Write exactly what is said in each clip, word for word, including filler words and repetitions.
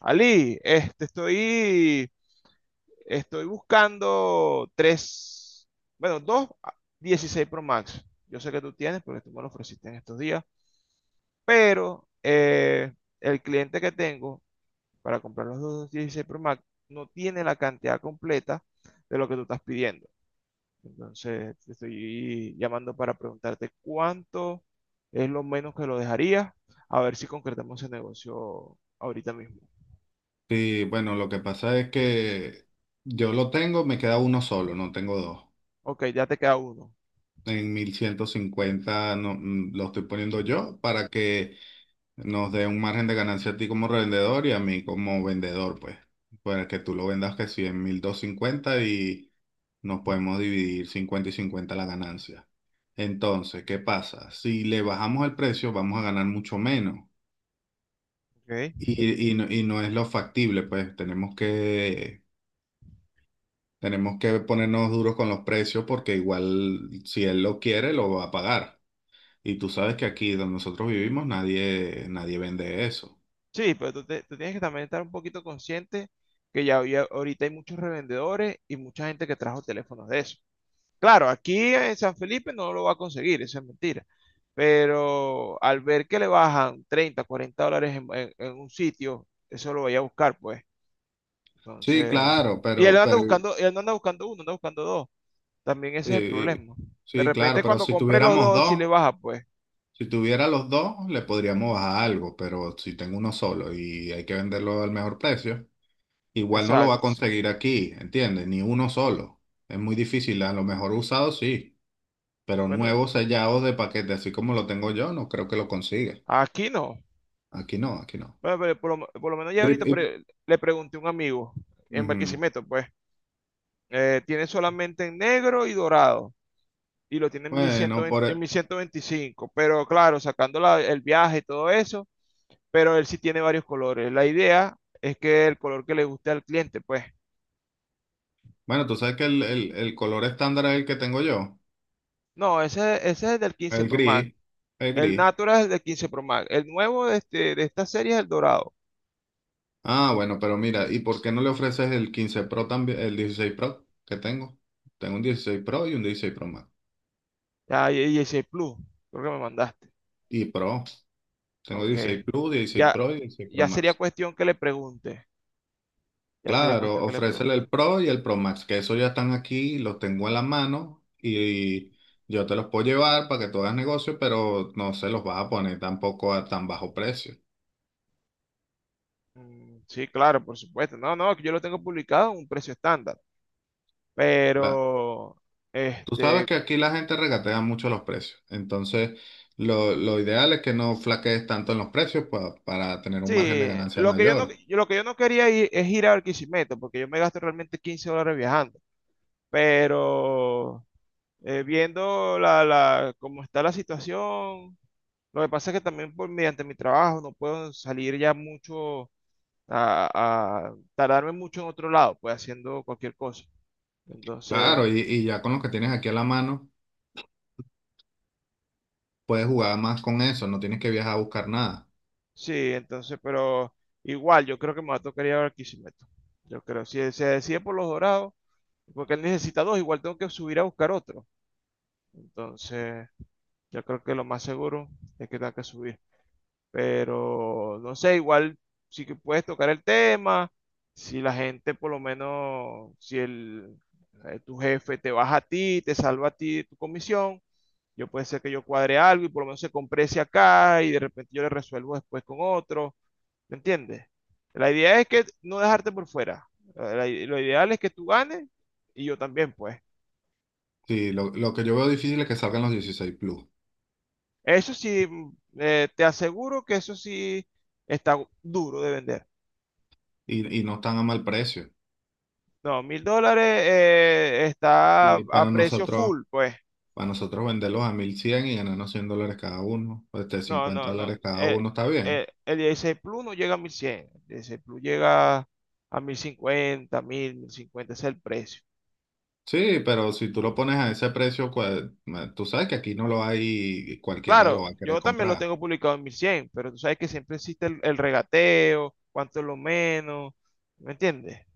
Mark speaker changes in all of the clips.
Speaker 1: Ali, este, estoy, estoy buscando tres, bueno, dos ah, dieciséis Pro Max. Yo sé que tú tienes porque tú me lo ofreciste en estos días, pero eh, el cliente que tengo para comprar los dos dieciséis Pro Max no tiene la cantidad completa de lo que tú estás pidiendo. Entonces, te estoy llamando para preguntarte cuánto es lo menos que lo dejaría, a ver si concretamos el negocio ahorita mismo.
Speaker 2: Sí, bueno, lo que pasa es que yo lo tengo, me queda uno solo, no tengo dos.
Speaker 1: Ok, ya te queda uno.
Speaker 2: En mil ciento cincuenta no, mm, lo estoy poniendo yo para que nos dé un margen de ganancia a ti como revendedor y a mí como vendedor, pues. Para que tú lo vendas que sí en mil doscientos cincuenta y nos podemos dividir cincuenta y cincuenta la ganancia. Entonces, ¿qué pasa? Si le bajamos el precio, vamos a ganar mucho menos.
Speaker 1: Ok.
Speaker 2: Y, y no y no es lo factible, pues tenemos que Tenemos que ponernos duros con los precios porque igual si él lo quiere, lo va a pagar. Y tú sabes que aquí donde nosotros vivimos nadie, nadie vende eso.
Speaker 1: Sí, pero tú, te- tú tienes que también estar un poquito consciente que ya había, ahorita hay muchos revendedores y mucha gente que trajo teléfonos de eso. Claro, aquí en San Felipe no lo va a conseguir, eso es mentira. Pero al ver que le bajan treinta, cuarenta dólares en, en- en un sitio, eso lo voy a buscar, pues.
Speaker 2: Sí,
Speaker 1: Entonces,
Speaker 2: claro,
Speaker 1: y él
Speaker 2: pero,
Speaker 1: anda
Speaker 2: pero eh,
Speaker 1: buscando, él no anda buscando uno, anda buscando dos. También ese es el
Speaker 2: eh,
Speaker 1: problema. De
Speaker 2: sí, claro,
Speaker 1: repente
Speaker 2: pero
Speaker 1: cuando
Speaker 2: si
Speaker 1: compré los
Speaker 2: tuviéramos
Speaker 1: dos, sí
Speaker 2: dos,
Speaker 1: le baja, pues.
Speaker 2: si tuviera los dos, le podríamos bajar algo, pero si tengo uno solo y hay que venderlo al mejor precio, igual no lo va a
Speaker 1: Exacto, sí.
Speaker 2: conseguir aquí, ¿entiendes? Ni uno solo. Es muy difícil, a lo mejor usado sí, pero
Speaker 1: Bueno,
Speaker 2: nuevos sellados de paquete, así como lo tengo yo, no creo que lo consiga.
Speaker 1: aquí no.
Speaker 2: Aquí no, aquí no.
Speaker 1: Bueno, pero por lo, por lo menos ya
Speaker 2: Pero,
Speaker 1: ahorita
Speaker 2: y-
Speaker 1: pre- le pregunté a un amigo en
Speaker 2: ujú.
Speaker 1: Barquisimeto, pues, eh, tiene solamente en negro y dorado, y lo tiene en
Speaker 2: Bueno,
Speaker 1: mil ciento veinte en
Speaker 2: por,
Speaker 1: mil ciento veinticinco, pero claro, sacando la- el viaje y todo eso, pero él sí tiene varios colores. La idea es que el color que le guste al cliente, pues.
Speaker 2: bueno, tú sabes que el, el- el color estándar es el que tengo yo,
Speaker 1: No, ese, ese es el del quince
Speaker 2: el
Speaker 1: Pro Max,
Speaker 2: gris, el
Speaker 1: el
Speaker 2: gris.
Speaker 1: Natural es el del quince Pro Max, el nuevo de, este, de esta serie es el dorado,
Speaker 2: Ah, bueno, pero mira, ¿y por qué no le ofreces el quince Pro también, el dieciséis Pro que tengo? Tengo un dieciséis Pro y un dieciséis Pro Max.
Speaker 1: ya, y dieciséis Plus, creo que me mandaste.
Speaker 2: Y Pro, tengo
Speaker 1: Ok,
Speaker 2: dieciséis Plus, dieciséis
Speaker 1: ya,
Speaker 2: Pro y dieciséis Pro
Speaker 1: ya sería
Speaker 2: Max.
Speaker 1: cuestión que le pregunte. Ya sería
Speaker 2: Claro,
Speaker 1: cuestión que le
Speaker 2: ofrécele
Speaker 1: pregunte.
Speaker 2: el Pro y el Pro Max, que eso ya están aquí, los tengo en la mano y yo te los puedo llevar para que tú hagas negocio, pero no se los vas a poner tampoco a tan bajo precio.
Speaker 1: Mm, sí, claro, por supuesto. No, no, que yo lo tengo publicado a un precio estándar.
Speaker 2: La-
Speaker 1: Pero,
Speaker 2: tú sabes
Speaker 1: este,
Speaker 2: que aquí la gente regatea mucho los precios, entonces lo, lo ideal es que no flaquees tanto en los precios pa- para tener un margen de
Speaker 1: sí,
Speaker 2: ganancia
Speaker 1: lo que yo no,
Speaker 2: mayor.
Speaker 1: yo- lo que yo no quería ir, es ir a Barquisimeto, porque yo me gasto realmente quince dólares viajando. Pero, eh, viendo la, la, cómo está la situación, lo que pasa es que también por, mediante mi trabajo no puedo salir ya mucho, a, a tardarme mucho en otro lado, pues haciendo cualquier cosa. Entonces.
Speaker 2: Claro, y, y ya con lo que tienes aquí en la mano, puedes jugar más con eso, no tienes que viajar a buscar nada.
Speaker 1: Sí, entonces, pero igual, yo creo que me va a tocar ir a Barquisimeto. Yo creo, si se decide por los dorados, porque él necesita dos, igual tengo que subir a buscar otro. Entonces, yo creo que lo más seguro es que tenga que subir. Pero, no sé, igual sí que puedes tocar el tema, si la gente por lo menos, si el, eh, tu jefe te baja a ti, te salva a ti de tu comisión, yo puede ser que yo cuadre algo y por lo menos se comprese acá y de repente yo le resuelvo después con otro. ¿Me entiendes? La idea es que no dejarte por fuera. La- la- lo ideal es que tú ganes y yo también, pues.
Speaker 2: Sí, lo, lo que yo veo difícil es que salgan los dieciséis Plus.
Speaker 1: Eso sí, mm, eh, te aseguro que eso sí está duro de vender.
Speaker 2: y, y no están a mal precio.
Speaker 1: No, mil dólares eh, está
Speaker 2: Y
Speaker 1: a
Speaker 2: para
Speaker 1: precio
Speaker 2: nosotros,
Speaker 1: full, pues.
Speaker 2: para nosotros venderlos a mil cien y ganarnos cien dólares cada uno, este,
Speaker 1: No,
Speaker 2: cincuenta
Speaker 1: no, no.
Speaker 2: dólares cada
Speaker 1: Eh,
Speaker 2: uno, está bien.
Speaker 1: eh, el dieciséis Plus no llega a mil cien. El dieciséis Plus llega a mil 1000, mil cincuenta. Ese es el precio.
Speaker 2: Sí, pero si tú lo pones a ese precio, cual- ma- tú sabes que aquí no lo hay y cualquiera lo va
Speaker 1: Claro,
Speaker 2: a querer
Speaker 1: yo también lo
Speaker 2: comprar.
Speaker 1: tengo publicado en mil cien, pero tú sabes que siempre existe el, el regateo, cuánto es lo menos, ¿me entiendes?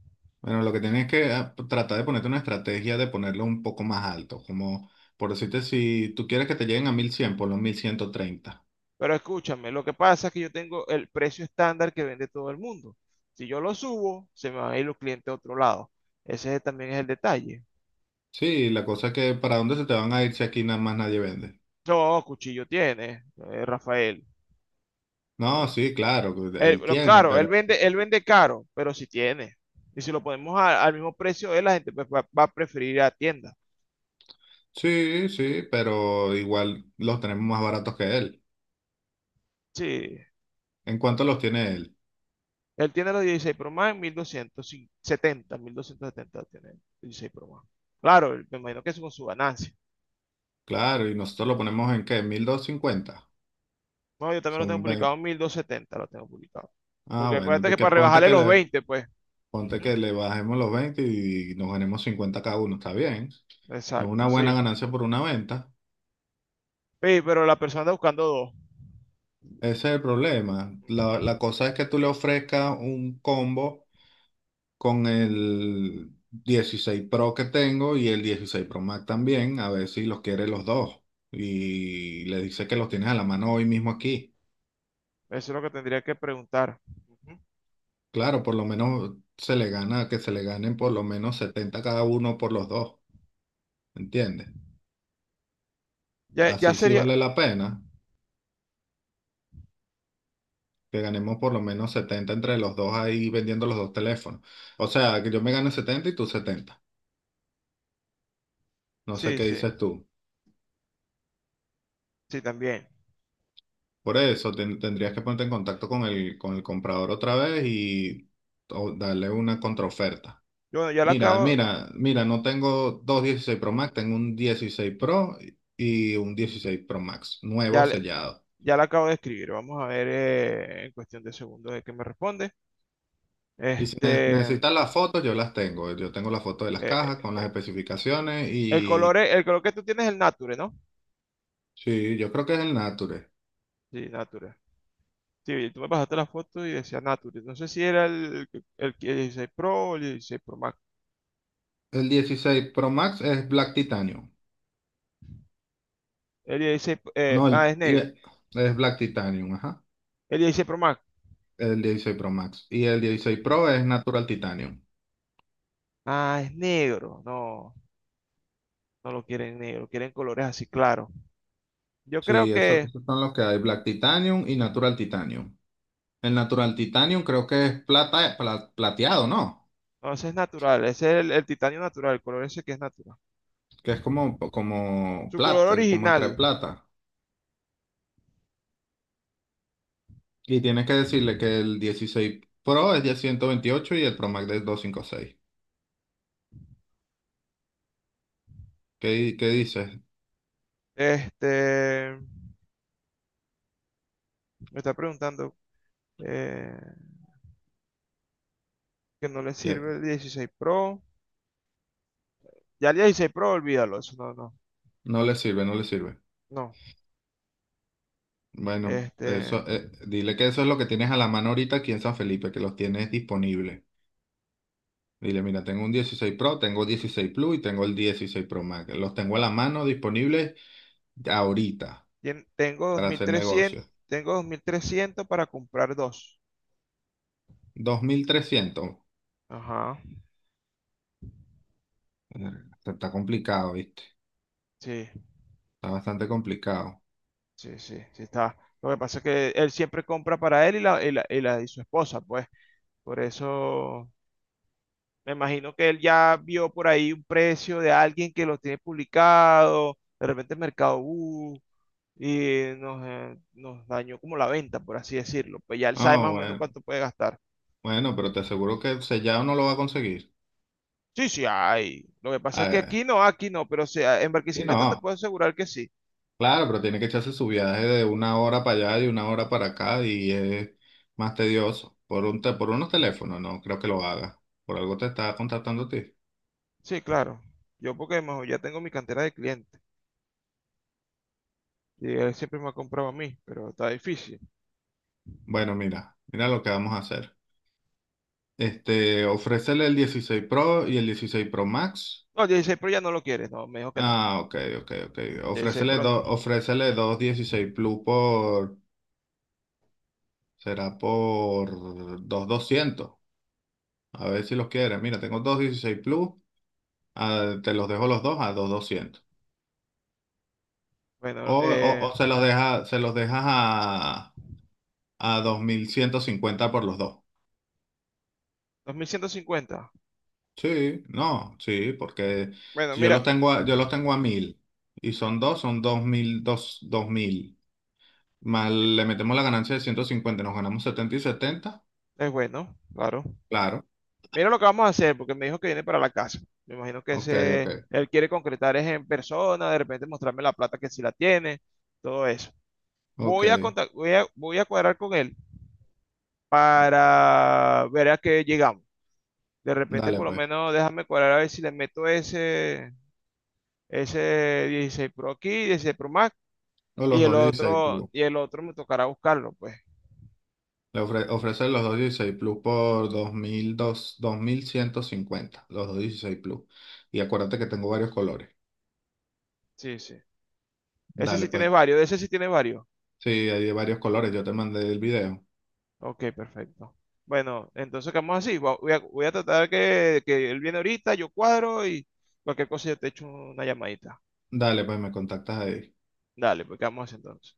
Speaker 2: Bueno, lo que tienes que ah, tratar de ponerte una estrategia de ponerlo un poco más alto, como por decirte, si tú quieres que te lleguen a mil cien, ponlo en mil ciento treinta.
Speaker 1: Pero escúchame, lo que pasa es que yo tengo el precio estándar que vende todo el mundo. Si yo lo subo, se me van a ir los clientes a otro lado. Ese también es el detalle.
Speaker 2: Sí, la cosa es que ¿para dónde se te van a ir si aquí nada más nadie vende?
Speaker 1: No, cuchillo tiene, eh, Rafael.
Speaker 2: No,
Speaker 1: Bueno,
Speaker 2: sí, claro,
Speaker 1: él-
Speaker 2: él
Speaker 1: lo-
Speaker 2: tiene,
Speaker 1: claro, él
Speaker 2: pero...
Speaker 1: vende,
Speaker 2: si.
Speaker 1: él vende caro, pero si tiene. Y si lo ponemos a- al mismo precio, eh, la gente pues, va, va a preferir ir a la tienda.
Speaker 2: Sí, sí, pero igual los tenemos más baratos que él.
Speaker 1: Sí,
Speaker 2: ¿En cuánto los tiene él?
Speaker 1: él tiene los dieciséis Pro Max, mil doscientos setenta mil doscientos setenta tiene el dieciséis Pro Max. Claro, me imagino que es con su ganancia.
Speaker 2: Claro, y nosotros lo ponemos en qué, mil doscientos cincuenta.
Speaker 1: No, yo también lo tengo
Speaker 2: Son veinte.
Speaker 1: publicado mil en setenta lo tengo publicado.
Speaker 2: Ah,
Speaker 1: Porque
Speaker 2: bueno,
Speaker 1: acuérdate que
Speaker 2: porque
Speaker 1: para
Speaker 2: ponte
Speaker 1: rebajarle
Speaker 2: que
Speaker 1: los
Speaker 2: le,
Speaker 1: veinte, pues.
Speaker 2: ponte
Speaker 1: Ujú,
Speaker 2: que le bajemos los veinte y nos ganemos cincuenta cada uno, está bien. Es una
Speaker 1: exacto,
Speaker 2: buena
Speaker 1: sí.
Speaker 2: ganancia por una venta.
Speaker 1: Sí, pero la persona está buscando dos.
Speaker 2: Ese es el problema.
Speaker 1: Ujú,
Speaker 2: La, la cosa es que tú le ofrezcas un combo con el dieciséis Pro que tengo y el dieciséis Pro Max también, a ver si los quiere los dos. Y le dice que los tienes a la mano hoy mismo aquí.
Speaker 1: eso es lo que tendría que preguntar. Ujú.
Speaker 2: Claro, por lo menos se le gana, que se le ganen por lo menos setenta cada uno por los dos, ¿entiendes?
Speaker 1: Ya, ya
Speaker 2: Así sí
Speaker 1: sería.
Speaker 2: vale la pena que ganemos por lo menos setenta entre los dos ahí vendiendo los dos teléfonos. O sea, que yo me gane setenta y tú setenta. No sé
Speaker 1: Sí,
Speaker 2: qué
Speaker 1: sí,
Speaker 2: dices tú.
Speaker 1: sí, también.
Speaker 2: Por eso ten- tendrías que ponerte en contacto con el, con el comprador otra vez y o darle una contraoferta.
Speaker 1: Yo, bueno, ya la
Speaker 2: Mira,
Speaker 1: acabo,
Speaker 2: mira, mira, no tengo dos dieciséis Pro Max, tengo un dieciséis Pro y un dieciséis Pro Max, nuevo
Speaker 1: ya, le-
Speaker 2: sellado.
Speaker 1: ya la acabo de escribir. Vamos a ver eh, en cuestión de segundos de qué me responde.
Speaker 2: Y si ne-
Speaker 1: Este,
Speaker 2: necesitas las fotos, yo las tengo. Yo tengo las fotos de las
Speaker 1: eh,
Speaker 2: cajas con las
Speaker 1: eh,
Speaker 2: especificaciones
Speaker 1: el color,
Speaker 2: y
Speaker 1: es- el color que tú tienes es el Nature, ¿no?
Speaker 2: sí, yo creo que es el Nature.
Speaker 1: Sí, Nature. Sí, tú me pasaste la foto y decía Nature. No sé si era el, el, el dieciséis Pro o el dieciséis Pro Max.
Speaker 2: El dieciséis Pro Max es Black Titanium.
Speaker 1: El dieciséis, eh,
Speaker 2: No,
Speaker 1: ah,
Speaker 2: el,
Speaker 1: es
Speaker 2: y-
Speaker 1: negro.
Speaker 2: es Black Titanium, ajá.
Speaker 1: El dieciséis Pro Max.
Speaker 2: El dieciséis Pro Max. Y el dieciséis Pro es Natural Titanium.
Speaker 1: Ah, es negro. No, no lo quieren negro, quieren colores así claros. Yo creo
Speaker 2: Sí, eso,
Speaker 1: que,
Speaker 2: esos son los que hay, Black Titanium y Natural Titanium. El Natural Titanium creo que es plata, pla- plateado, ¿no?
Speaker 1: no, ese es natural, ese es el, el titanio natural, el color ese que es natural.
Speaker 2: Que es como, como
Speaker 1: Su color
Speaker 2: plata, como entre
Speaker 1: original,
Speaker 2: plata. Y tienes que decirle que el dieciséis Pro es de ciento veintiocho y el Pro Max de doscientos cincuenta y seis. ¿Qué, di- qué dices?
Speaker 1: este, me está preguntando eh, que no le
Speaker 2: Ya,
Speaker 1: sirve el dieciséis Pro. Ya el dieciséis Pro, olvídalo, eso no, no.
Speaker 2: no le sirve, no le sirve.
Speaker 1: No,
Speaker 2: Bueno,
Speaker 1: este,
Speaker 2: eso, eh, dile que eso es lo que tienes a la mano ahorita aquí en San Felipe, que los tienes disponibles. Dile, mira, tengo un dieciséis Pro, tengo dieciséis Plus y tengo el dieciséis Pro Max. Los tengo a la mano disponibles ahorita
Speaker 1: tien- tengo
Speaker 2: para hacer
Speaker 1: dos mil trescientos,
Speaker 2: negocios.
Speaker 1: tengo dos mil trescientos para comprar dos.
Speaker 2: dos mil trescientos.
Speaker 1: Ajá,
Speaker 2: Verga, Está, está complicado, ¿viste?
Speaker 1: sí,
Speaker 2: Está bastante complicado.
Speaker 1: sí, sí, sí está. Lo que pasa es que él siempre compra para él y la, y la, y la- y su esposa, pues. Por eso me imagino que él ya vio por ahí un precio de alguien que lo tiene publicado, de repente Mercado Bus, y nos, eh, nos dañó como la venta, por así decirlo. Pues ya él sabe
Speaker 2: Ah,
Speaker 1: más o menos
Speaker 2: bueno,
Speaker 1: cuánto puede gastar.
Speaker 2: bueno, pero te aseguro que sellado no lo va a conseguir.
Speaker 1: Sí, sí, hay. Lo que pasa es
Speaker 2: A
Speaker 1: que
Speaker 2: ver,
Speaker 1: aquí no, aquí no, pero o sea, en
Speaker 2: sí,
Speaker 1: Barquisimeto te
Speaker 2: no.
Speaker 1: puedo asegurar que sí.
Speaker 2: Claro, pero tiene que echarse su viaje de una hora para allá y una hora para acá y es más tedioso. Por un te- por unos teléfonos, no creo que lo haga. Por algo te está contactando a ti.
Speaker 1: Sí, claro. Yo porque mejor ya tengo mi cantera de clientes. Y él siempre me ha comprado a mí, pero está difícil.
Speaker 2: Bueno, mira, mira lo que vamos a hacer. Este, ofrécele el dieciséis Pro y el dieciséis Pro Max.
Speaker 1: No, dieciséis Pro ya no lo quiere, no, me dijo que no.
Speaker 2: Ah, ok, ok, ok.
Speaker 1: dieciséis
Speaker 2: Ofrécele,
Speaker 1: Pro no.
Speaker 2: do- ofrécele dos dieciséis Plus por, será por dos doscientos. A ver si los quieres. Mira, tengo dos dieciséis Plus, ah, te los dejo los dos a dos doscientos.
Speaker 1: Bueno,
Speaker 2: O, o,
Speaker 1: eh,
Speaker 2: o se los deja, se los dejas a, a dos mil ciento cincuenta por los dos.
Speaker 1: dos mil ciento cincuenta.
Speaker 2: Sí, no, sí, porque
Speaker 1: Bueno,
Speaker 2: si yo
Speaker 1: mira,
Speaker 2: los tengo a, yo los tengo a mil y son dos, son dos mil, dos, dos mil. Más le metemos la ganancia de ciento cincuenta, nos ganamos setenta y setenta,
Speaker 1: es bueno, claro.
Speaker 2: claro,
Speaker 1: Mira lo que vamos a hacer, porque me dijo que viene para la casa. Me imagino que
Speaker 2: ok,
Speaker 1: ese,
Speaker 2: ok,
Speaker 1: él quiere concretar es en persona, de repente mostrarme la plata que sí la tiene, todo eso.
Speaker 2: ok.
Speaker 1: Voy a, contac- voy a, voy a cuadrar con él para ver a qué llegamos. De repente,
Speaker 2: Dale
Speaker 1: por lo
Speaker 2: pues.
Speaker 1: menos, déjame cuadrar a ver si le meto ese, ese dieciséis Pro aquí, dieciséis Pro Max,
Speaker 2: O los
Speaker 1: y el
Speaker 2: doscientos dieciséis
Speaker 1: otro,
Speaker 2: Plus.
Speaker 1: y el otro me tocará buscarlo, pues.
Speaker 2: Le ofre, ofrece los doscientos dieciséis Plus por dos mil dos- dos mil ciento cincuenta, los doscientos dieciséis Plus. Y acuérdate que tengo varios colores.
Speaker 1: Sí, sí. Ese
Speaker 2: Dale
Speaker 1: sí tiene
Speaker 2: pues.
Speaker 1: varios, ese sí tiene varios.
Speaker 2: Sí, hay de varios colores, yo te mandé el video.
Speaker 1: Ok, perfecto. Bueno, entonces quedamos así. Va- Voy a, voy a tratar que, que él viene ahorita, yo cuadro y cualquier cosa yo te echo una llamadita.
Speaker 2: Dale pues, me contactas ahí.
Speaker 1: Dale, pues quedamos así entonces.